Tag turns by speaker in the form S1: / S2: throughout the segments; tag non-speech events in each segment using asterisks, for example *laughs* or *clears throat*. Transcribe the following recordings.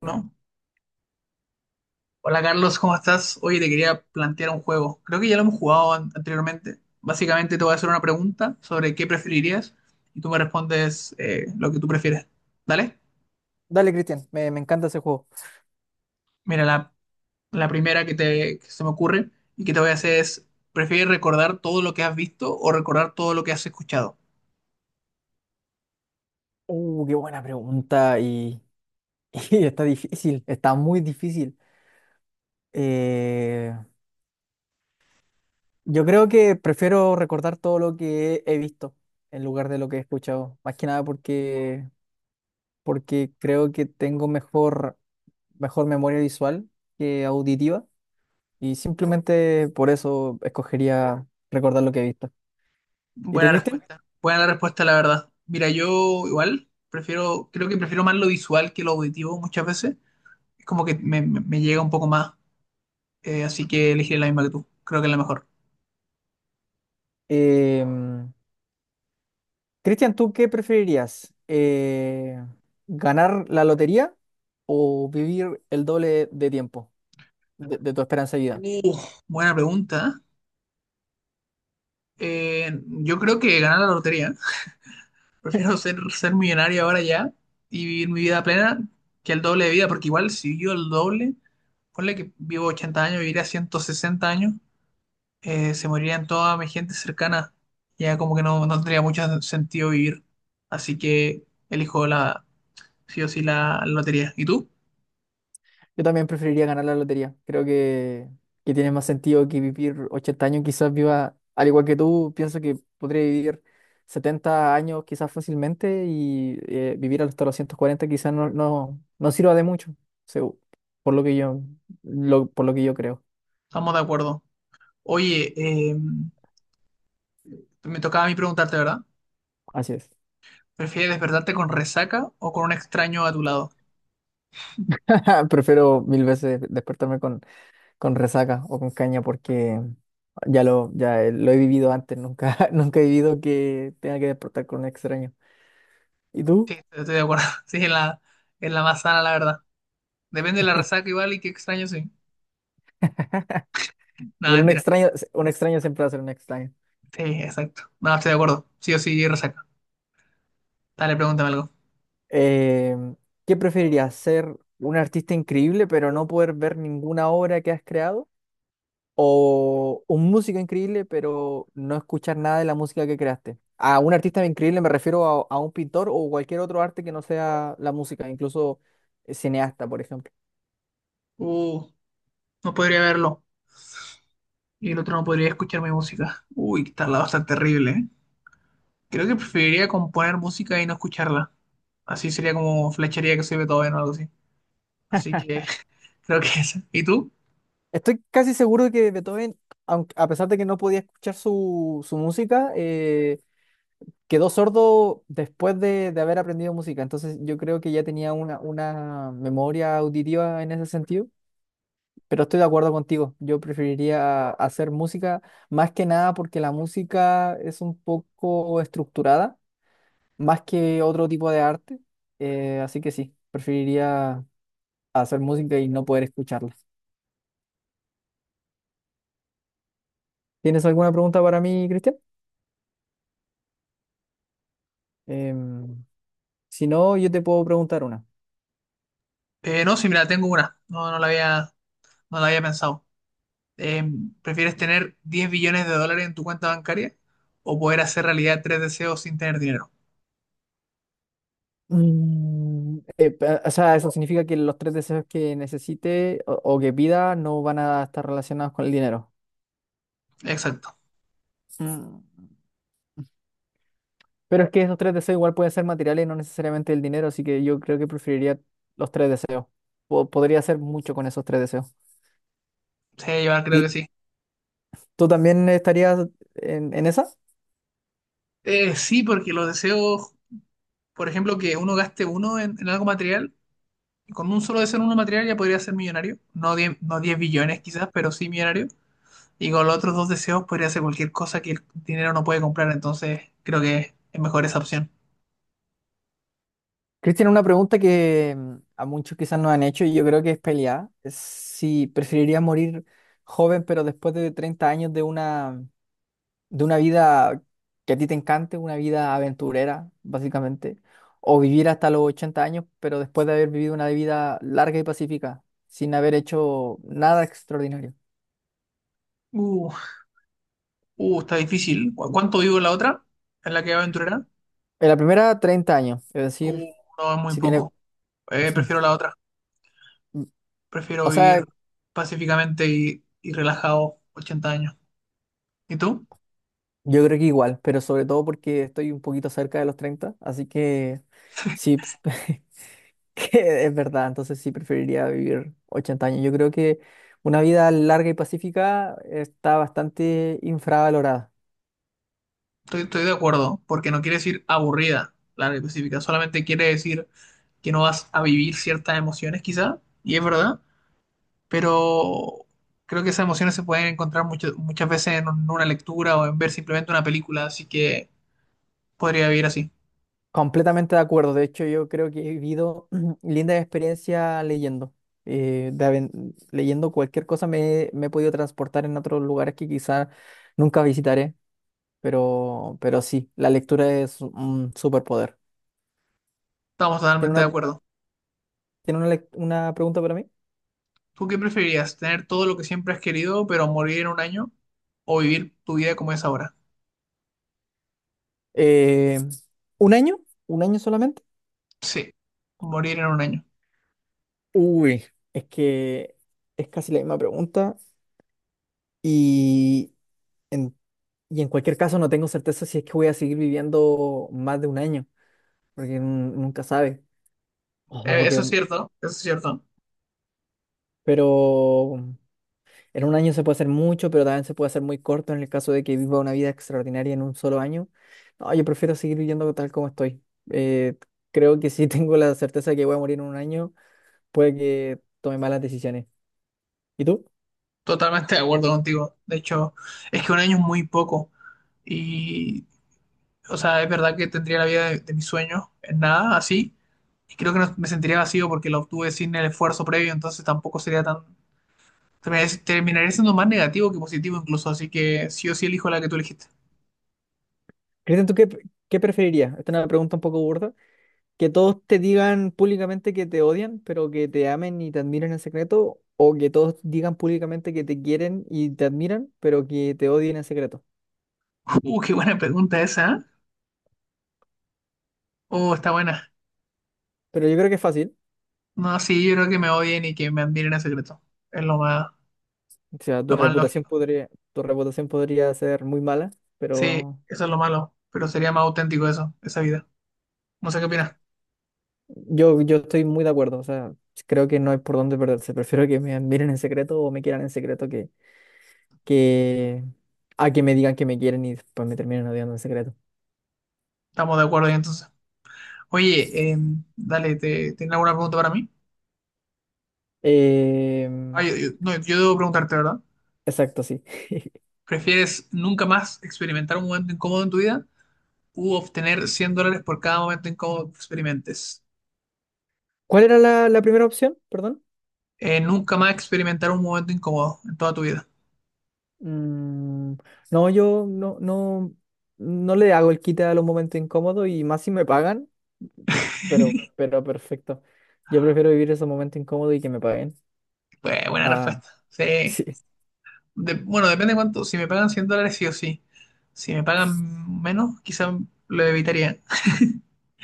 S1: ¿No? Hola Carlos, ¿cómo estás? Oye, te quería plantear un juego. Creo que ya lo hemos jugado anteriormente. Básicamente te voy a hacer una pregunta sobre qué preferirías y tú me respondes lo que tú prefieres. ¿Dale?
S2: Dale, Cristian, me encanta ese juego.
S1: Mira, la primera que se me ocurre y que te voy a hacer es, ¿prefieres recordar todo lo que has visto o recordar todo lo que has escuchado?
S2: Qué buena pregunta y, *laughs* y está difícil, está muy difícil. Eh, yo creo que prefiero recordar todo lo que he visto en lugar de lo que he escuchado, más que nada porque creo que tengo mejor memoria visual que auditiva y simplemente por eso escogería recordar lo que he visto. ¿Y tú,
S1: Buena
S2: Cristian?
S1: respuesta. Buena la respuesta, la verdad. Mira, yo igual prefiero, creo que prefiero más lo visual que lo auditivo muchas veces. Es como que me llega un poco más. Así que elegiré la misma que tú. Creo que es la mejor.
S2: Em, Cristian, ¿tú qué preferirías? ¿Ganar la lotería o vivir el doble de tiempo de tu esperanza de vida?
S1: Uh, Buena pregunta. Yo creo que ganar la lotería. *laughs* Prefiero ser millonario ahora ya y vivir mi vida plena que el doble de vida, porque igual si vivo el doble, ponle que vivo 80 años, viviría 160 años, se morirían toda mi gente cercana. Ya como que no, no tendría mucho sentido vivir. Así que elijo sí o sí la lotería. ¿Y tú?
S2: Yo también preferiría ganar la lotería. Creo que tiene más sentido que vivir 80 años. Quizás viva, al igual que tú, pienso que podría vivir 70 años quizás fácilmente y vivir hasta los 140 quizás no sirva de mucho, segu- por lo que yo, por lo que yo creo.
S1: Estamos de acuerdo. Oye, me tocaba a mí preguntarte, ¿verdad?
S2: Así es.
S1: ¿Prefieres despertarte con resaca o con un extraño a tu lado?
S2: *laughs* Prefiero mil veces despertarme con resaca o con caña porque lo he vivido antes, nunca, *laughs* nunca he vivido que tenga que despertar con un extraño. ¿Y
S1: Sí,
S2: tú?
S1: estoy de acuerdo. *laughs* Sí, es la más sana, la verdad. Depende de la
S2: *laughs*
S1: resaca igual y qué extraño, sí. Nada,
S2: Pero
S1: mentira.
S2: un extraño siempre va a ser un extraño.
S1: Sí, exacto. No, estoy de acuerdo. Sí o sí, resaca. Dale, pregúntame algo.
S2: Eh, ¿Qué preferirías? ¿Ser un artista increíble pero no poder ver ninguna obra que has creado? ¿O un músico increíble pero no escuchar nada de la música que creaste? A un artista increíble me refiero a un pintor o cualquier otro arte que no sea la música, incluso cineasta, por ejemplo.
S1: Uh, no podría verlo. Y el otro no podría escuchar mi música. Uy, que tal va a estar terrible, ¿eh? Creo que preferiría componer música y no escucharla. Así sería como flecharía que soy Beethoven o algo así. Así que *laughs* creo que esa. ¿Y tú?
S2: Estoy casi seguro de que Beethoven, aunque, a pesar de que no podía escuchar su música, quedó sordo después de haber aprendido música. Entonces yo creo que ya tenía una memoria auditiva en ese sentido. Pero estoy de acuerdo contigo. Yo preferiría hacer música más que nada porque la música es un poco estructurada, más que otro tipo de arte. Así que sí, preferiría hacer música y no poder escucharla. ¿Tienes alguna pregunta para mí, Cristian? Em, Si no, yo te puedo preguntar una.
S1: No, sí, mira, tengo una. No la había pensado. Eh, ¿Prefieres tener 10 billones de dólares en tu cuenta bancaria o poder hacer realidad tres deseos sin tener dinero?
S2: O sea, eso significa que los tres deseos que necesite o que pida no van a estar relacionados con el dinero.
S1: Exacto.
S2: Mm. Pero es que esos tres deseos igual pueden ser materiales, no necesariamente el dinero, así que yo creo que preferiría los tres deseos. Podría hacer mucho con esos tres deseos.
S1: Sí, yo creo que
S2: ¿Y
S1: sí.
S2: tú también estarías en esa?
S1: Sí, porque los deseos, por ejemplo, que uno gaste uno en algo material, con un solo deseo en uno material ya podría ser millonario. No 10, no 10 billones quizás, pero sí millonario. Y con los otros dos deseos podría hacer cualquier cosa que el dinero no puede comprar. Entonces, creo que es mejor esa opción.
S2: Cristian, una pregunta que a muchos quizás nos han hecho y yo creo que es peleada. Es si preferirías morir joven pero después de 30 años de una... vida que a ti te encante, una vida aventurera, básicamente, o vivir hasta los 80 años, pero después de haber vivido una vida larga y pacífica, sin haber hecho nada extraordinario.
S1: Uh, Está difícil. ¿Cuánto vivo en la otra? ¿En la que aventurera?
S2: En la primera, 30 años, es decir,
S1: Uh, no, es muy
S2: si tiene,
S1: poco. Prefiero la otra. Prefiero
S2: o sea,
S1: vivir pacíficamente y relajado 80 años. ¿Y tú?
S2: yo creo que igual, pero sobre todo porque estoy un poquito cerca de los 30 así que sí, *laughs* que es verdad, entonces sí preferiría vivir 80 años. Yo creo que una vida larga y pacífica está bastante infravalorada.
S1: Estoy de acuerdo, porque no quiere decir aburrida, larga y pacífica. Solamente quiere decir que no vas a vivir ciertas emociones, quizá, y es verdad, pero creo que esas emociones se pueden encontrar muchas veces en una lectura o en ver simplemente una película, así que podría vivir así.
S2: Completamente de acuerdo. De hecho, yo creo que he vivido *clears throat* linda experiencia leyendo. Leyendo cualquier cosa me he podido transportar en otros lugares que quizá nunca visitaré, pero sí, la lectura es un superpoder.
S1: Estamos
S2: ¿Tiene
S1: totalmente de
S2: una,
S1: acuerdo.
S2: tiene una pregunta para mí?
S1: ¿Tú qué preferirías? ¿Tener todo lo que siempre has querido, pero morir en un año? ¿O vivir tu vida como es ahora?
S2: Eh, ¿Un año? ¿Un año solamente?
S1: Sí, morir en un año.
S2: Uy, es que es casi la misma pregunta y en, y en cualquier caso no tengo certeza si es que voy a seguir viviendo más de un año. Porque nunca sabe. Ojo.
S1: Eso es cierto, eso es cierto.
S2: Pero en un año se puede hacer mucho, pero también se puede hacer muy corto en el caso de que viva una vida extraordinaria en un solo año. No, yo prefiero seguir viviendo tal como estoy. Eh, Creo que si *laughs* tengo la certeza de que voy a morir en un año, puede que tome malas decisiones. ¿Y tú?
S1: Totalmente de acuerdo contigo. De hecho, es que un año es muy poco. Y, o sea, es verdad que tendría la vida de mis sueños en nada, así. Y creo que me sentiría vacío porque la obtuve sin el esfuerzo previo, entonces tampoco Terminaría siendo más negativo que positivo incluso, así que sí o sí elijo la que tú elegiste.
S2: Cristian, ¿tú qué preferirías? Esta es una pregunta un poco burda. Que todos te digan públicamente que te odian, pero que te amen y te admiren en secreto, o que todos digan públicamente que te quieren y te admiran, pero que te odien en secreto.
S1: *laughs* Qué buena pregunta esa, ¿eh? Está buena.
S2: Pero yo creo que es fácil.
S1: No, sí, yo creo que me odien y que me admiren en secreto. Es lo más,
S2: O sea,
S1: lo
S2: tu
S1: más
S2: reputación
S1: lógico.
S2: podría, tu reputación podría ser muy mala,
S1: Sí,
S2: pero
S1: eso es lo malo, pero sería más auténtico eso, esa vida. No sé qué opinas.
S2: yo estoy muy de acuerdo. O sea, creo que no hay por dónde perderse. Prefiero que me admiren en secreto o me quieran en secreto que a que me digan que me quieren y después me terminen odiando en secreto.
S1: Estamos de acuerdo ahí entonces. Oye, dale, ¿te, ¿tienes alguna pregunta para mí? Ah,
S2: Em,
S1: no, yo debo preguntarte, ¿verdad?
S2: exacto, sí. *laughs*
S1: ¿Prefieres nunca más experimentar un momento incómodo en tu vida u obtener 100 dólares por cada momento incómodo que experimentes?
S2: ¿Cuál era la primera opción? Perdón.
S1: Nunca más experimentar un momento incómodo en toda tu vida.
S2: Mm, no, yo no le hago el quite a los momentos incómodos y más si me pagan, pero,
S1: *laughs*
S2: pero perfecto. Yo prefiero vivir esos momentos incómodos y que me paguen.
S1: Pues, buena
S2: Ah,
S1: respuesta.
S2: *laughs*
S1: Sí.
S2: sí.
S1: De- bueno, depende cuánto. Si me pagan 100 dólares, sí o sí. Si me pagan menos, quizá lo evitaría.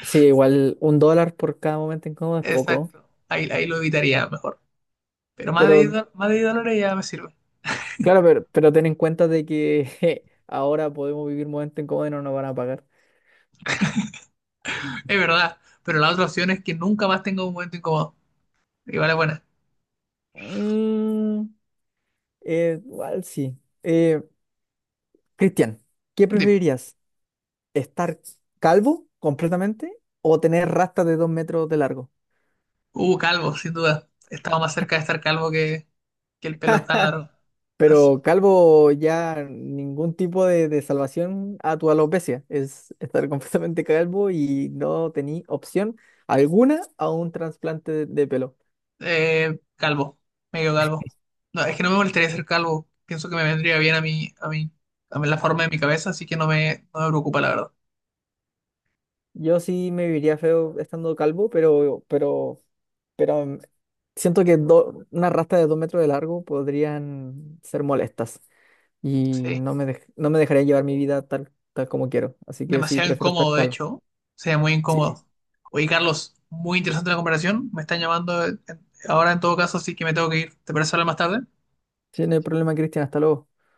S2: Sí, igual $1 por cada momento incómodo es poco.
S1: Exacto, ahí, ahí lo evitaría mejor. Pero más de, 10
S2: Pero,
S1: do- más de 10 dólares ya me sirve.
S2: claro, pero ten en cuenta de que *laughs* je, ahora podemos vivir momentos incómodos y no nos van a pagar.
S1: Es verdad, pero la otra opción es que nunca más tenga un momento incómodo. Igual es buena.
S2: Mm, Igual sí. Eh, Cristian, ¿qué
S1: Dime.
S2: preferirías? Estar calvo completamente o tener rastas de 2 metros de largo.
S1: Calvo, sin duda. Estaba más cerca de estar calvo que el pelo tan largo. Así.
S2: Pero calvo ya ningún tipo de salvación a tu alopecia. Es estar *laughs* completamente calvo y no tení opción alguna a un trasplante de pelo.
S1: Calvo, medio calvo. No, es que no me molestaría ser calvo. Pienso que me vendría bien a mí, a mí, a mí la forma de mi cabeza, así que no me, no me preocupa, la verdad.
S2: Yo sí me viviría feo estando calvo, pero siento que una rasta de 2 metros de largo podrían ser molestas y
S1: Sí.
S2: no me dejaría llevar mi vida tal como quiero. Así que sí,
S1: Demasiado
S2: prefiero estar
S1: incómodo, de
S2: calvo.
S1: hecho. Sería muy
S2: Sí,
S1: incómodo. Oye, Carlos, muy interesante la comparación. Me están llamando ahora en todo caso, así que me tengo que ir. ¿Te parece hablar más tarde?
S2: sí, no hay problema, Cristian. Hasta luego.